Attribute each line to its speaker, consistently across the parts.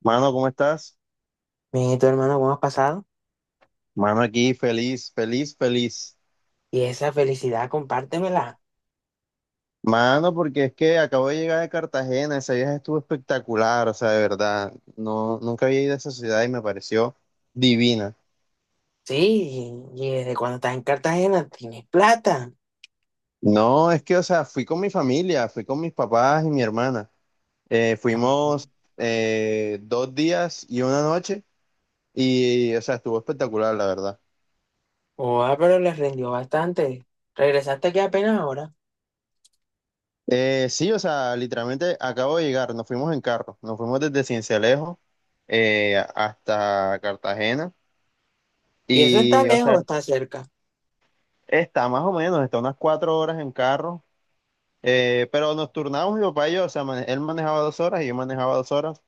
Speaker 1: Mano, ¿cómo estás?
Speaker 2: Mijito hermano, ¿cómo has pasado?
Speaker 1: Mano, aquí feliz, feliz, feliz.
Speaker 2: Y esa felicidad, compártemela.
Speaker 1: Mano, porque es que acabo de llegar de Cartagena, ese viaje estuvo espectacular, o sea, de verdad, no, nunca había ido a esa ciudad y me pareció divina.
Speaker 2: Sí, y desde cuando estás en Cartagena tienes plata.
Speaker 1: No, es que, o sea, fui con mi familia, fui con mis papás y mi hermana.
Speaker 2: Ah.
Speaker 1: Fuimos 2 días y una noche y, o sea, estuvo espectacular, la verdad.
Speaker 2: Oa, pero les rindió bastante. Regresaste aquí apenas ahora.
Speaker 1: Sí, o sea, literalmente acabo de llegar, nos fuimos en carro, nos fuimos desde Cincelejo hasta Cartagena
Speaker 2: Y eso está
Speaker 1: y, o sea,
Speaker 2: lejos, está cerca.
Speaker 1: está más o menos, está unas 4 horas en carro, pero nos turnamos mi papá y yo, o sea, él manejaba 2 horas y yo manejaba 2 horas,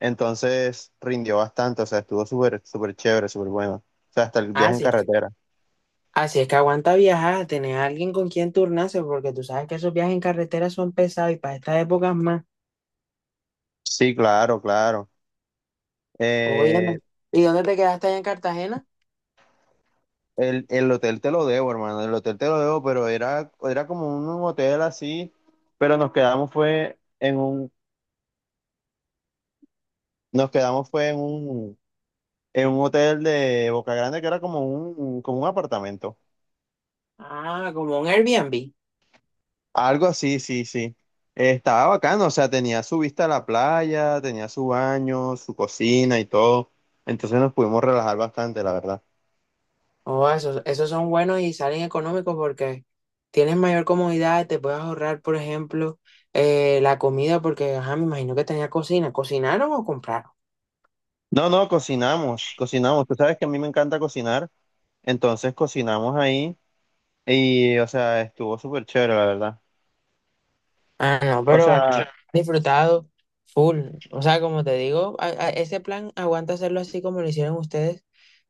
Speaker 1: entonces rindió bastante, o sea, estuvo súper, súper chévere, súper bueno, o sea, hasta el viaje en
Speaker 2: Así que,
Speaker 1: carretera.
Speaker 2: así es que aguanta viajar, tener a alguien con quien turnarse, porque tú sabes que esos viajes en carretera son pesados y para estas épocas más.
Speaker 1: Sí, claro, claro. Eh,
Speaker 2: Óyeme. ¿Y dónde te quedaste allá en Cartagena?
Speaker 1: El hotel te lo debo, hermano, el hotel te lo debo, pero era, era como un hotel así, pero nos quedamos fue en un, nos quedamos fue en un hotel de Boca Grande que era como un apartamento,
Speaker 2: Ah, como un Airbnb.
Speaker 1: algo así, sí, sí. Estaba bacano, o sea, tenía su vista a la playa, tenía su baño, su cocina y todo, entonces nos pudimos relajar bastante, la verdad.
Speaker 2: Oh, esos, esos son buenos y salen económicos porque tienes mayor comodidad, te puedes ahorrar, por ejemplo, la comida, porque, ajá, me imagino que tenía cocina. ¿Cocinaron o compraron?
Speaker 1: No, no, cocinamos, cocinamos, tú sabes que a mí me encanta cocinar, entonces cocinamos ahí. Y, o sea, estuvo súper chévere, la verdad.
Speaker 2: Ah, no,
Speaker 1: O
Speaker 2: pero aquí
Speaker 1: sea,
Speaker 2: he disfrutado full. O sea, como te digo, ese plan aguanta hacerlo así como lo hicieron ustedes,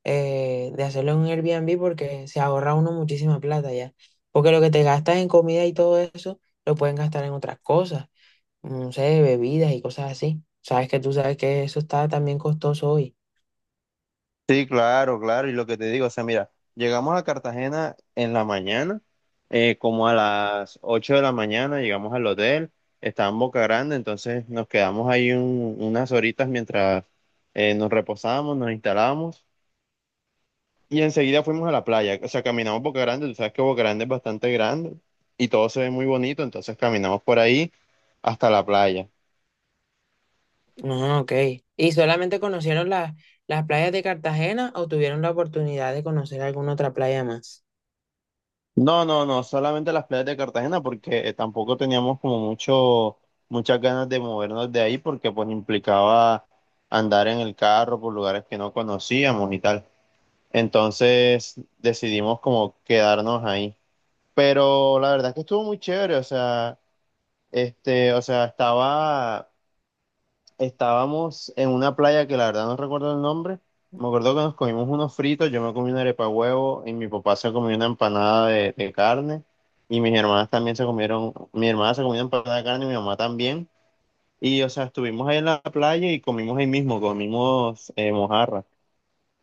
Speaker 2: de hacerlo en un Airbnb porque se ahorra uno muchísima plata ya. Porque lo que te gastas en comida y todo eso, lo pueden gastar en otras cosas. No sé, bebidas y cosas así. Sabes que tú sabes que eso está también costoso hoy.
Speaker 1: sí, claro, claro. Y lo que te digo, o sea, mira, llegamos a Cartagena en la mañana, como a las 8 de la mañana, llegamos al hotel, estaba en Boca Grande, entonces nos quedamos ahí unas horitas mientras nos reposábamos, nos instalábamos y enseguida fuimos a la playa. O sea, caminamos Boca Grande, tú sabes que Boca Grande es bastante grande y todo se ve muy bonito, entonces caminamos por ahí hasta la playa.
Speaker 2: Ah, ok. ¿Y solamente conocieron las playas de Cartagena o tuvieron la oportunidad de conocer alguna otra playa más?
Speaker 1: No, no, no, solamente las playas de Cartagena porque tampoco teníamos como muchas ganas de movernos de ahí porque pues implicaba andar en el carro por lugares que no conocíamos y tal. Entonces decidimos como quedarnos ahí. Pero la verdad es que estuvo muy chévere, o sea, este, o sea, estaba Estábamos en una playa que la verdad no recuerdo el nombre. Me acuerdo que nos comimos unos fritos, yo me comí una arepa de huevo y mi papá se comió una empanada de carne y mis hermanas también se comieron, mi hermana se comió una empanada de carne y mi mamá también. Y o sea, estuvimos ahí en la playa y comimos ahí mismo, comimos mojarra.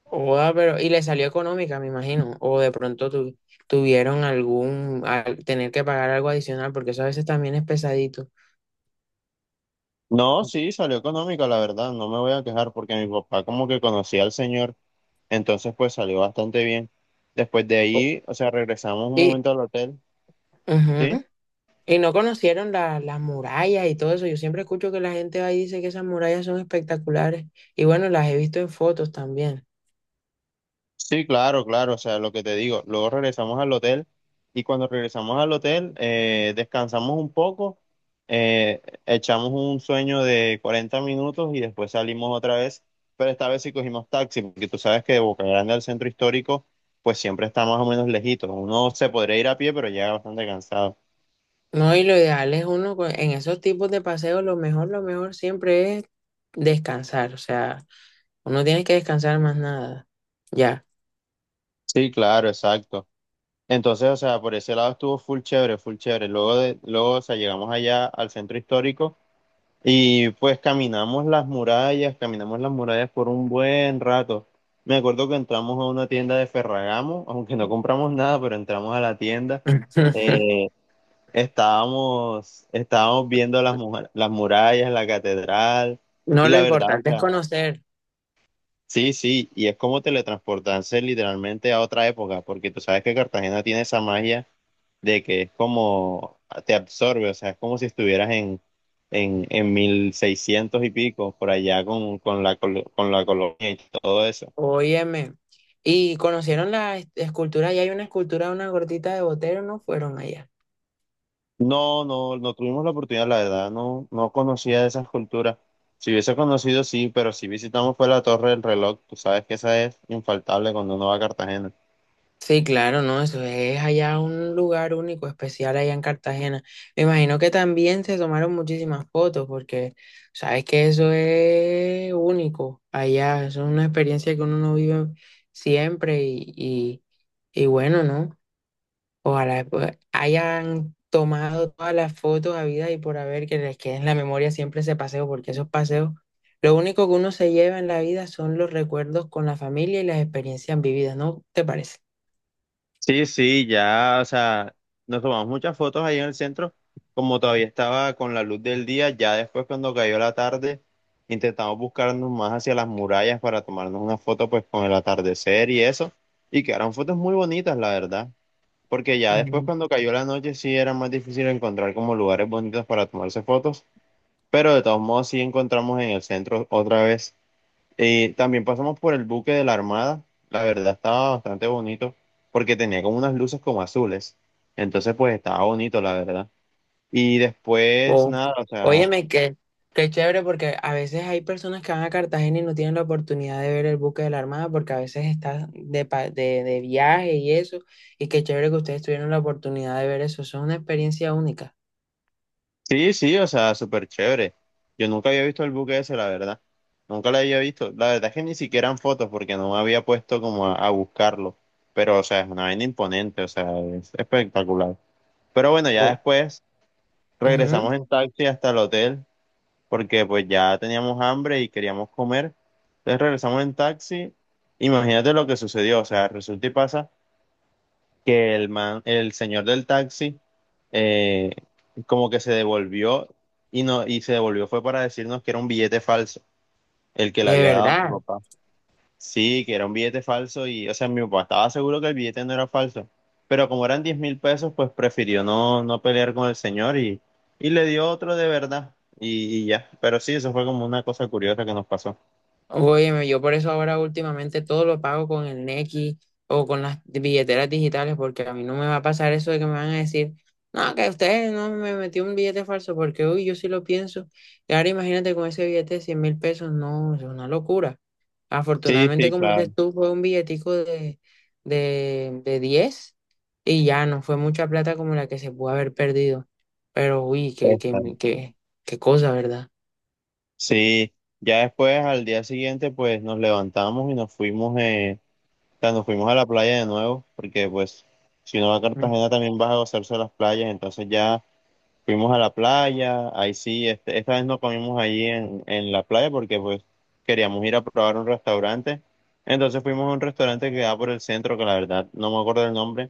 Speaker 2: Oa, pero, y le salió económica, me imagino. O de pronto tuvieron algún, tener que pagar algo adicional, porque eso a veces también es pesadito.
Speaker 1: No, sí, salió económica, la verdad, no me voy a quejar porque mi papá como que conocía al señor, entonces pues salió bastante bien. Después de
Speaker 2: O-
Speaker 1: ahí, o sea, regresamos un
Speaker 2: y,
Speaker 1: momento al hotel, ¿sí?
Speaker 2: ujú. Y no conocieron las murallas y todo eso. Yo siempre escucho que la gente va y dice que esas murallas son espectaculares. Y bueno, las he visto en fotos también.
Speaker 1: Sí, claro, claro, o sea, lo que te digo, luego regresamos al hotel y cuando regresamos al hotel descansamos un poco, echamos un sueño de 40 minutos y después salimos otra vez, pero esta vez sí cogimos taxi, porque tú sabes que de Boca Grande al centro histórico pues siempre está más o menos lejito, uno se podría ir a pie pero llega bastante cansado.
Speaker 2: No, y lo ideal es uno en esos tipos de paseos, lo mejor siempre es descansar. O sea, uno tiene que descansar más nada. Ya.
Speaker 1: Sí, claro, exacto. Entonces, o sea, por ese lado estuvo full chévere, full chévere. Luego de, luego, o sea, llegamos allá al centro histórico, y pues caminamos las murallas por un buen rato. Me acuerdo que entramos a una tienda de Ferragamo, aunque no compramos nada, pero entramos a la tienda. Eh, estábamos, estábamos viendo las, las murallas, la catedral,
Speaker 2: No,
Speaker 1: y
Speaker 2: lo
Speaker 1: la verdad, o
Speaker 2: importante es
Speaker 1: sea,
Speaker 2: conocer.
Speaker 1: sí, sí, y es como teletransportarse literalmente a otra época, porque tú sabes que Cartagena tiene esa magia de que es como te absorbe, o sea, es como si estuvieras en, en 1600 y pico, por allá con la, con la colonia y todo eso.
Speaker 2: Óyeme. Y conocieron la escultura, y hay una escultura de una gordita de Botero, ¿no fueron allá?
Speaker 1: No, no, no tuvimos la oportunidad, la verdad, no, no conocía esas culturas. Si hubiese conocido, sí, pero si visitamos fue la Torre del Reloj, tú sabes que esa es infaltable cuando uno va a Cartagena.
Speaker 2: Sí, claro, ¿no? Eso es allá un lugar único, especial allá en Cartagena. Me imagino que también se tomaron muchísimas fotos porque sabes que eso es único allá, eso es una experiencia que uno no vive siempre y bueno, ¿no? Ojalá pues, hayan tomado todas las fotos habidas y por haber que les quede en la memoria siempre ese paseo porque esos paseos, lo único que uno se lleva en la vida son los recuerdos con la familia y las experiencias vividas, ¿no te parece?
Speaker 1: Sí, sí, ya, o sea, nos tomamos muchas fotos ahí en el centro, como todavía estaba con la luz del día, ya después cuando cayó la tarde, intentamos buscarnos más hacia las murallas para tomarnos una foto pues con el atardecer y eso, y quedaron fotos muy bonitas, la verdad, porque ya después cuando cayó la noche sí era más difícil encontrar como lugares bonitos para tomarse fotos, pero de todos modos sí encontramos en el centro otra vez. También pasamos por el buque de la Armada. La verdad estaba bastante bonito porque tenía como unas luces como azules. Entonces, pues estaba bonito, la verdad. Y después,
Speaker 2: Oh,
Speaker 1: nada, o sea,
Speaker 2: óyeme, qué chévere porque a veces hay personas que van a Cartagena y no tienen la oportunidad de ver el buque de la Armada porque a veces está de viaje y eso. Y qué chévere que ustedes tuvieron la oportunidad de ver eso. Eso es una experiencia única.
Speaker 1: sí, sí, o sea, súper chévere. Yo nunca había visto el buque ese, la verdad. Nunca lo había visto. La verdad es que ni siquiera en fotos porque no me había puesto como a buscarlo. Pero, o sea, es una vaina imponente, o sea, es espectacular. Pero bueno, ya
Speaker 2: Oh,
Speaker 1: después
Speaker 2: ujú,
Speaker 1: regresamos en taxi hasta el hotel porque pues ya teníamos hambre y queríamos comer. Entonces regresamos en taxi. Imagínate lo que sucedió. O sea, resulta y pasa que el man, el señor del taxi, eh, como que se devolvió y no, y se devolvió fue para decirnos que era un billete falso, el que le
Speaker 2: de
Speaker 1: había dado mi
Speaker 2: verdad.
Speaker 1: papá. Sí, que era un billete falso y, o sea, mi papá estaba seguro que el billete no era falso, pero como eran 10.000 pesos, pues prefirió no pelear con el señor y, le dio otro de verdad y ya, pero sí, eso fue como una cosa curiosa que nos pasó.
Speaker 2: Óyeme, yo por eso ahora últimamente todo lo pago con el Nequi o con las billeteras digitales, porque a mí no me va a pasar eso de que me van a decir, no, que usted no me metió un billete falso, porque uy, yo sí lo pienso. Y ahora imagínate con ese billete de 100 mil pesos, no, es una locura.
Speaker 1: Sí,
Speaker 2: Afortunadamente,
Speaker 1: sí,
Speaker 2: como
Speaker 1: claro.
Speaker 2: dices tú, fue un billetico de 10 y ya no fue mucha plata como la que se pudo haber perdido. Pero uy,
Speaker 1: Esta.
Speaker 2: qué cosa, ¿verdad?
Speaker 1: Sí, ya después al día siguiente pues nos levantamos y nos fuimos, o sea, nos fuimos a la playa de nuevo, porque pues si uno va a
Speaker 2: Mm.
Speaker 1: Cartagena también vas a gozarse de las playas, entonces ya fuimos a la playa, ahí sí, este, esta vez no comimos allí en la playa porque pues queríamos ir a probar un restaurante. Entonces fuimos a un restaurante que queda por el centro, que la verdad no me acuerdo el nombre,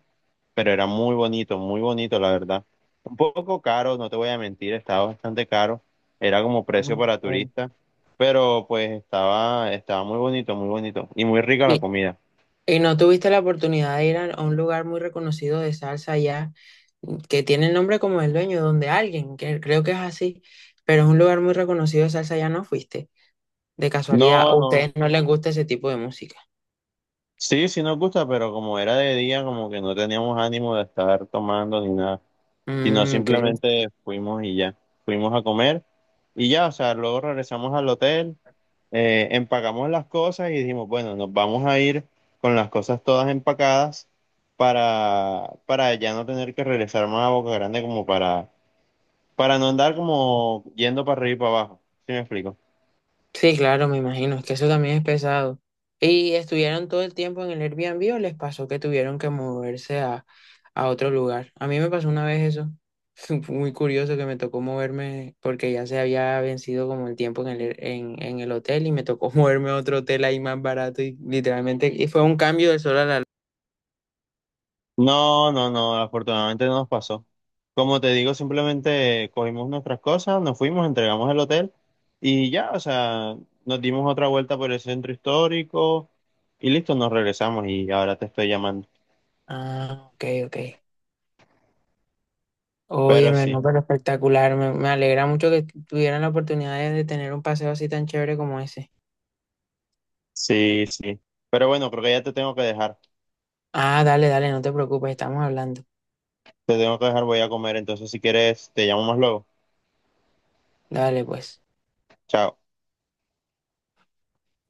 Speaker 1: pero era muy bonito, la verdad. Un poco caro, no te voy a mentir, estaba bastante caro, era como precio para
Speaker 2: Mm.
Speaker 1: turista, pero pues estaba, estaba muy bonito y muy rica la comida.
Speaker 2: ¿Y no tuviste la oportunidad de ir a un lugar muy reconocido de salsa allá, mm, que tiene el nombre como el dueño, donde alguien, que creo que es así, pero es un lugar muy reconocido de salsa, ya no fuiste, de casualidad, o
Speaker 1: No,
Speaker 2: a
Speaker 1: no,
Speaker 2: ustedes no les gusta ese tipo de música?
Speaker 1: sí, sí nos gusta, pero como era de día, como que no teníamos ánimo de estar tomando ni nada. Sino
Speaker 2: Mm, ok.
Speaker 1: simplemente fuimos y ya, fuimos a comer y ya, o sea, luego regresamos al hotel, empacamos las cosas y dijimos, bueno, nos vamos a ir con las cosas todas empacadas para ya no tener que regresar más a Boca Grande como para no andar como yendo para arriba y para abajo, ¿sí me explico?
Speaker 2: Sí, claro, me imagino, es que eso también es pesado. ¿Y estuvieron todo el tiempo en el Airbnb o les pasó que tuvieron que moverse a otro lugar? A mí me pasó una vez eso. Fue muy curioso que me tocó moverme porque ya se había vencido como el tiempo en el, en el hotel y me tocó moverme a otro hotel ahí más barato y literalmente y fue un cambio del sol a la...
Speaker 1: No, no, no, afortunadamente no nos pasó. Como te digo, simplemente cogimos nuestras cosas, nos fuimos, entregamos el hotel y ya, o sea, nos dimos otra vuelta por el centro histórico y listo, nos regresamos y ahora te estoy llamando.
Speaker 2: Ah, ok, ok.
Speaker 1: Pero
Speaker 2: Óyeme, no,
Speaker 1: sí,
Speaker 2: pero espectacular. Me alegra mucho que tuvieran la oportunidad de tener un paseo así tan chévere como ese.
Speaker 1: sí, sí. Pero bueno, creo que ya te tengo que dejar.
Speaker 2: Ah, dale, dale, no te preocupes, estamos hablando.
Speaker 1: Te tengo que dejar, voy a comer, entonces si quieres, te llamo más luego.
Speaker 2: Dale, pues.
Speaker 1: Chao.